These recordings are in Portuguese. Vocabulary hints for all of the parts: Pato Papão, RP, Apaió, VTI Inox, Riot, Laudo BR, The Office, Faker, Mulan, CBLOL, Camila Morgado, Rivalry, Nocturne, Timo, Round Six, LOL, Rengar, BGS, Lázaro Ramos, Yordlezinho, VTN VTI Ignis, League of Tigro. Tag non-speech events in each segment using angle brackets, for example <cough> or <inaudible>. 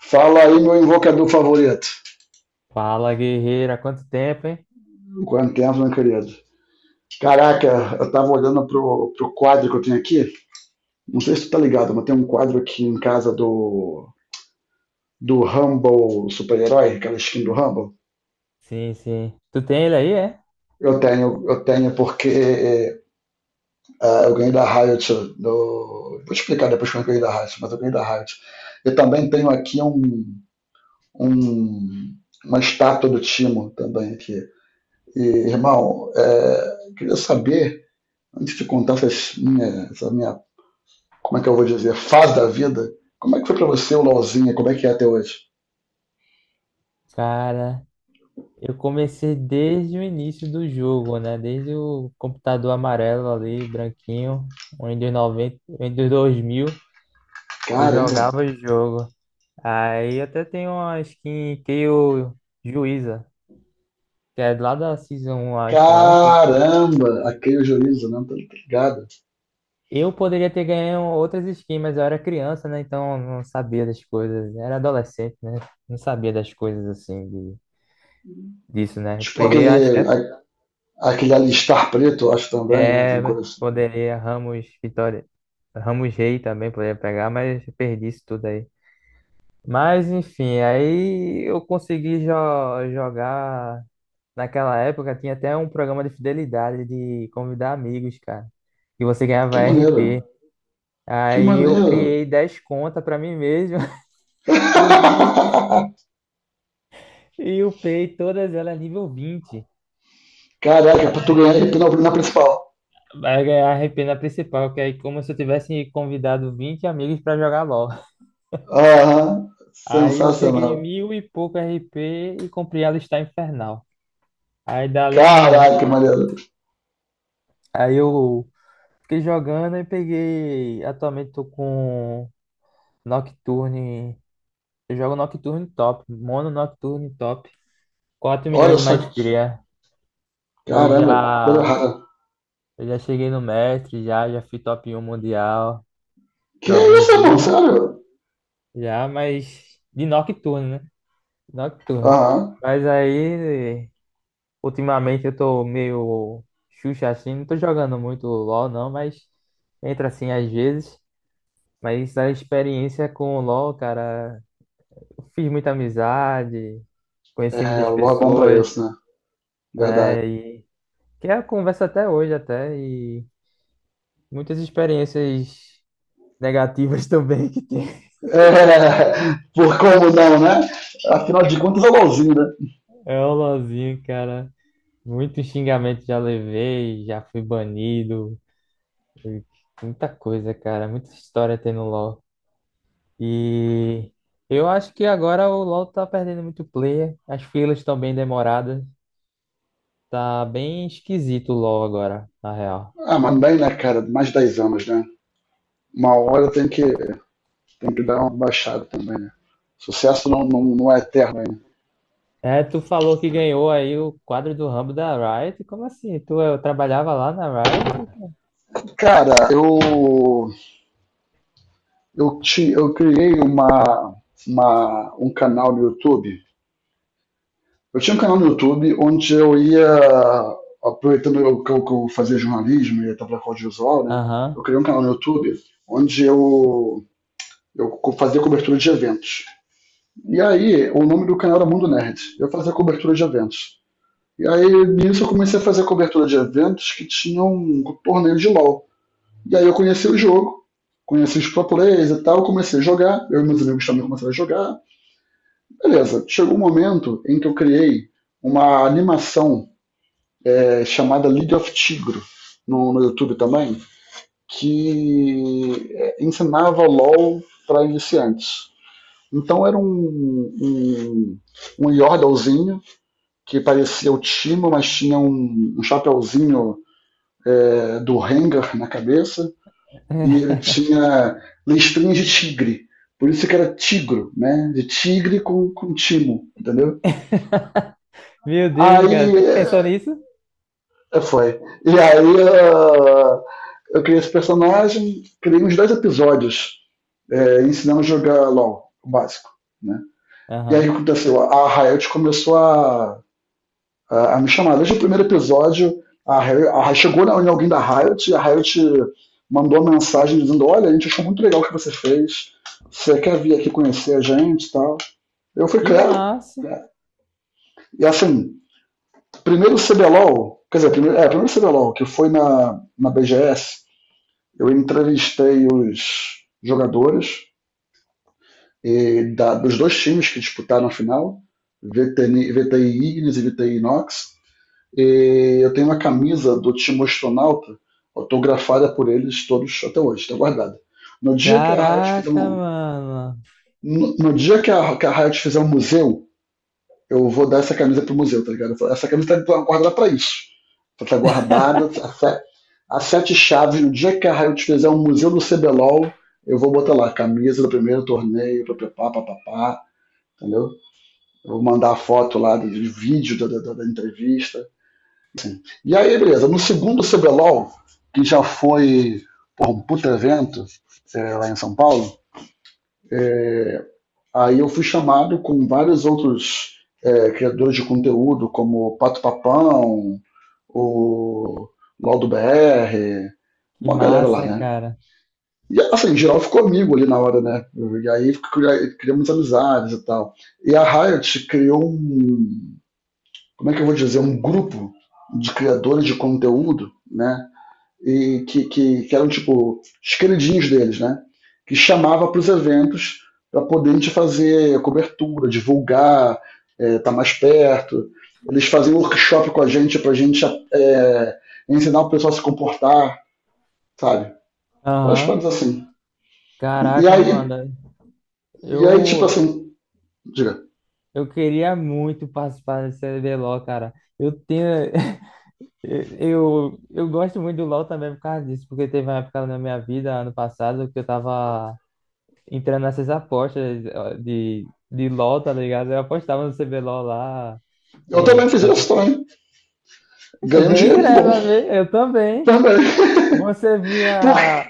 Fala aí, meu invocador favorito. Fala, guerreira, quanto tempo, hein? Quanto tempo, meu querido. Caraca, eu tava olhando pro quadro que eu tenho aqui. Não sei se tu tá ligado, mas tem um quadro aqui em casa do Humble super-herói, aquela skin do Humble. Sim, sim. Tu tem ele aí, é? Eu tenho porque eu ganhei da Riot. Do... Vou te explicar depois como eu ganhei da Riot, mas eu ganhei da Riot. Eu também tenho aqui um- uma estátua do Timo também aqui. E, Irmão, eu queria saber antes de contar essas minha, essa minha, como é que eu vou dizer, fase da vida, como é que foi pra você o LOLzinho? Como é que é até hoje? Cara, eu comecei desde o início do jogo, né? Desde o computador amarelo ali, branquinho, o Windows 90, Windows 2000 eu Caramba! jogava o jogo. Aí até tem uma skin que eu Juíza, que é lá da Season 1, acho, alguma coisa. Caramba! Aquele juízo, né? Tá ligado? Eu poderia ter ganho outras skins, mas eu era criança, né? Então eu não sabia das coisas. Era adolescente, né? Não sabia das coisas assim, de disso, né? Tipo Peguei, acho que é, aquele alistar preto, eu acho também, né? Tem um coração. poderia Ramos Vitória, Ramos Rei também poderia pegar, mas perdi isso tudo aí. Mas enfim, aí eu consegui jo jogar. Naquela época tinha até um programa de fidelidade de convidar amigos, cara. E você Que ganhava maneiro! RP. Que Aí eu maneiro! criei 10 contas pra mim mesmo, <laughs> o link, <laughs> e upei todas elas nível 20. Caraca, pra tu ganhar hipnose na principal. Vai ganhar a RP na principal, que aí como se eu tivesse convidado 20 amigos pra jogar LOL. <laughs> Aham, Aí eu sensacional. peguei mil e pouco RP e comprei a lista infernal. Aí dali em Caraca, que diante, maneiro. aí eu fiquei jogando e peguei. Atualmente tô com Nocturne. Eu jogo Nocturne top, mono Nocturne top, 4 milhões Olha de só que. maestria. Eu Caramba, que coisa já, rara. eu já cheguei no mestre, já fui top um mundial por Que alguns isso, irmão? dias. Sério? Já, mas de Nocturne, né? Nocturno. Aham. Mas aí, ultimamente eu tô meio Xuxa assim, não tô jogando muito LoL não, mas entra assim às vezes. Mas a experiência com o LoL, cara, eu fiz muita amizade, É, conheci muitas o LoL é bom pra pessoas, isso, né? Verdade. é, e que é a conversa até hoje até, e muitas experiências negativas <laughs> também que tem. É, <laughs> por como não, né? Afinal de contas é o LoLzinho, né? É o LoLzinho, cara. Muito xingamento já levei, já fui banido. Muita coisa, cara. Muita história tem no LoL. E eu acho que agora o LoL tá perdendo muito player. As filas estão bem demoradas. Tá bem esquisito o LoL agora, na real. Ah, mas bem, né, cara? Mais de 10 anos, né? Uma hora tem tem que dar uma baixada também, né? Sucesso não é eterno ainda. É, tu falou que ganhou aí o quadro do Rambo da Riot. Como assim? Tu trabalhava lá na Riot, cara? Cara, eu criei um canal no YouTube. Eu tinha um canal no YouTube onde eu ia, aproveitando que eu fazia jornalismo e estava com audiovisual, né? Eu Aham. criei um canal no YouTube onde eu fazia cobertura de eventos. E aí, o nome do canal era Mundo Nerd. Eu fazia cobertura de eventos. E aí, nisso, eu comecei a fazer cobertura de eventos que tinham um torneio de LoL. E aí, eu conheci o jogo, conheci os pro players e tal, comecei a jogar. Eu e meus amigos também começaram a jogar. Beleza, chegou um momento em que eu criei uma animação chamada League of Tigro no YouTube também, que ensinava LOL para iniciantes. Então era um Yordlezinho, que parecia o Timo, mas tinha um chapéuzinho do Rengar na cabeça, e ele <laughs> tinha listrinhas de tigre. Por isso que era tigro, né? De tigre com timo, entendeu? Meu Aí Deus, cara. Tu que pensou nisso? é, foi. E aí eu criei esse personagem, criei uns dois episódios, ensinando a jogar LOL, o básico, né? E aí o que Aham. aconteceu? A Riot começou a me chamar. Desde o primeiro episódio, a, Riot a Ri- chegou em alguém da Riot e a Riot mandou uma mensagem dizendo, olha, a gente achou muito legal o que você fez, você quer vir aqui conhecer a gente e tal. Eu fui, Que claro. massa. E assim, primeiro CBLOL, quer dizer, primeiro CBLOL, que foi na BGS. Eu entrevistei os jogadores dos dois times que disputaram a final, VTN VTI Ignis e VTI Inox. E eu tenho uma camisa do time astronauta autografada por eles todos até hoje, está guardada. No dia que a Riot fizer Caraca, um, mano. no dia que a Riot fizer um museu, eu vou dar essa camisa pro museu, tá ligado? Essa camisa tá guardada pra isso. Ela tá guardada, a, fe... sete chaves, no dia que a Riot fizer um museu do CBLOL, eu vou botar lá, camisa do primeiro torneio, papapá, papapá, entendeu? Eu vou mandar a foto lá do vídeo da entrevista. E aí, beleza, no segundo CBLOL, que já foi porra, um puta evento, lá em São Paulo, aí eu fui chamado com vários outros criadores de conteúdo, como Pato Papão, o Laudo BR, Que uma galera lá, massa, né? cara. E assim, em geral ficou amigo ali na hora, né? E aí criamos amizades e tal. E a Riot criou um, como é que eu vou dizer, um grupo de criadores de conteúdo, né? E que eram tipo os queridinhos deles, né? Que chamava para os eventos para poder a gente fazer cobertura, divulgar, estar tá mais perto. Eles faziam workshop com a gente para a gente é, ensinar o pessoal a se comportar, sabe? Várias Aham. coisas assim. E, e, Caraca, aí, mano. e aí, tipo Eu, assim, diga. eu queria muito participar desse CBLOL, cara. Eu tenho. <laughs> Eu gosto muito do LoL também por causa disso, porque teve uma época na minha vida, ano passado, que eu tava entrando nessas apostas ó, de LoL, tá ligado? Eu apostava no CBLOL lá. Eu também é, fiz isso também. eu Ganhei um ganhei dinheirinho bom. grana, né? Eu também. Também. <laughs> Você Por via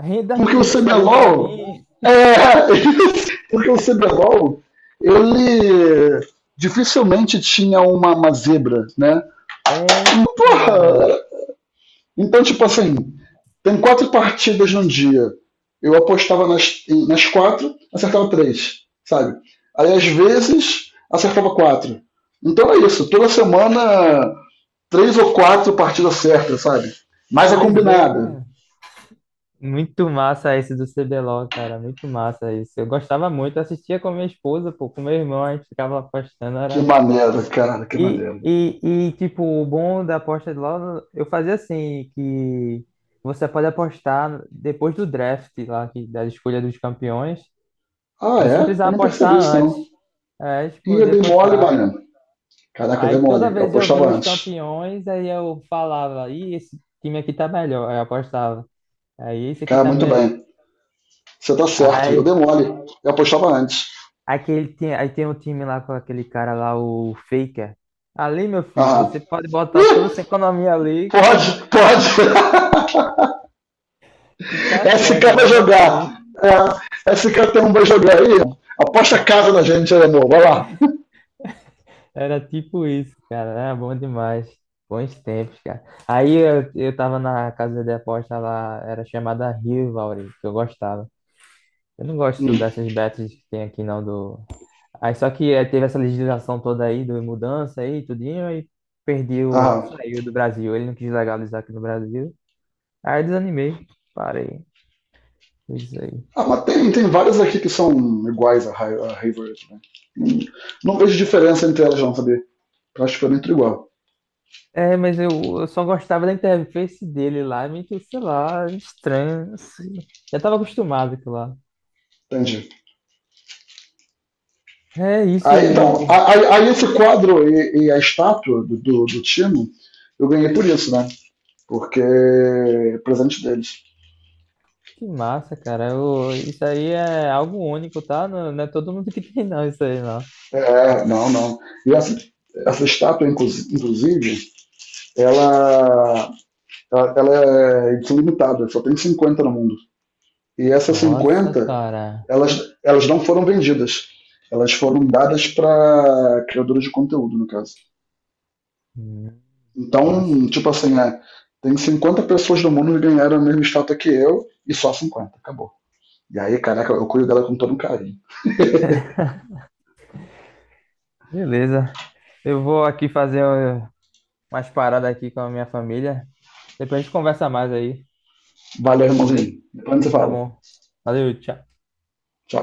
renda Porque o fixa ali pra CBLOL. mim. É, <laughs> porque o CBLOL, ele dificilmente tinha uma zebra, né? É, cara. Porra! Então, tipo assim, tem quatro partidas num dia. Eu apostava nas quatro, acertava três, sabe? Aí às vezes acertava quatro. Então é isso, toda semana três ou quatro partidas certas, sabe? Mais a Pois é, combinada. cara. Muito massa esse do CBLOL, cara. Muito massa isso. Eu gostava muito, eu assistia com minha esposa, pô, com meu irmão, a gente ficava apostando. Que Era. maneiro, cara, que E, maneiro. e, e, tipo, o bom da aposta de LOL, eu fazia assim, que você pode apostar depois do draft lá, que, da escolha dos campeões. Ah, Você não é? Eu precisava não percebi apostar isso, não. antes. É, tipo, Ih, eu podia dei mole, apostar. mano. Caraca, eu dei Aí mole. toda Eu vez eu apostava via os antes. campeões, aí eu falava, ih, esse time aqui tá melhor. Aí eu apostava. Aí esse aqui Cara, tá muito bem. Você tá certo. Eu dei melhor. mole. Eu apostava antes. Aquele tem, aí tem um time lá com aquele cara lá, o Faker. Ali, meu filho, Aham. você pode botar Ih, toda essa economia ali que, pode, <laughs> pode. que <laughs> tá SK certo, vai vai jogar. bater. É, esse cara tem um vai jogar aí. Aposta a casa na gente, aí, amor. Vai lá. Era tipo isso, cara. Era bom demais. Bons tempos, cara. Aí eu tava na casa de aposta lá, era chamada Rivalry, que eu gostava. Eu não gosto Hum. dessas bets que tem aqui, não, do. Aí só que teve essa legislação toda aí, do mudança aí, tudinho, aí perdeu, Aham. saiu do Brasil. Ele não quis legalizar aqui no Brasil. Aí eu desanimei. Parei. Isso aí. Ah, mas tem, tem várias aqui que são iguais a Hayward, né? Não não vejo diferença entre elas, não, sabia? Eu acho que foi muito igual. É, mas eu só gostava da interface dele lá, meio, sei lá, estranho assim. Já tava acostumado com lá. Entendi. É Aí, então, isso. aí, aí esse quadro e a estátua do Tino, eu ganhei por isso, né? Porque é presente deles. Que massa, cara. Isso aí é algo único, tá? Não, não é todo mundo que <laughs> tem, não, isso aí, não. É, não, não. E essa estátua, inclusive, ela, ela é edição limitada, só tem 50 no mundo. E essas Nossa, 50, cara. elas, elas não foram vendidas. Elas foram dadas para criadores de conteúdo, no caso. Hum, massa. Então, tipo assim, é, tem 50 pessoas do mundo que ganharam a mesma estátua que eu e só 50. Acabou. E aí, caraca, eu cuido dela com todo um carinho. Beleza. Eu vou aqui fazer umas paradas aqui com a minha família. Depois a gente conversa mais aí, Valeu, beleza? irmãozinho. Depois a gente se Tá fala. bom. Valeu, tchau. Tchau.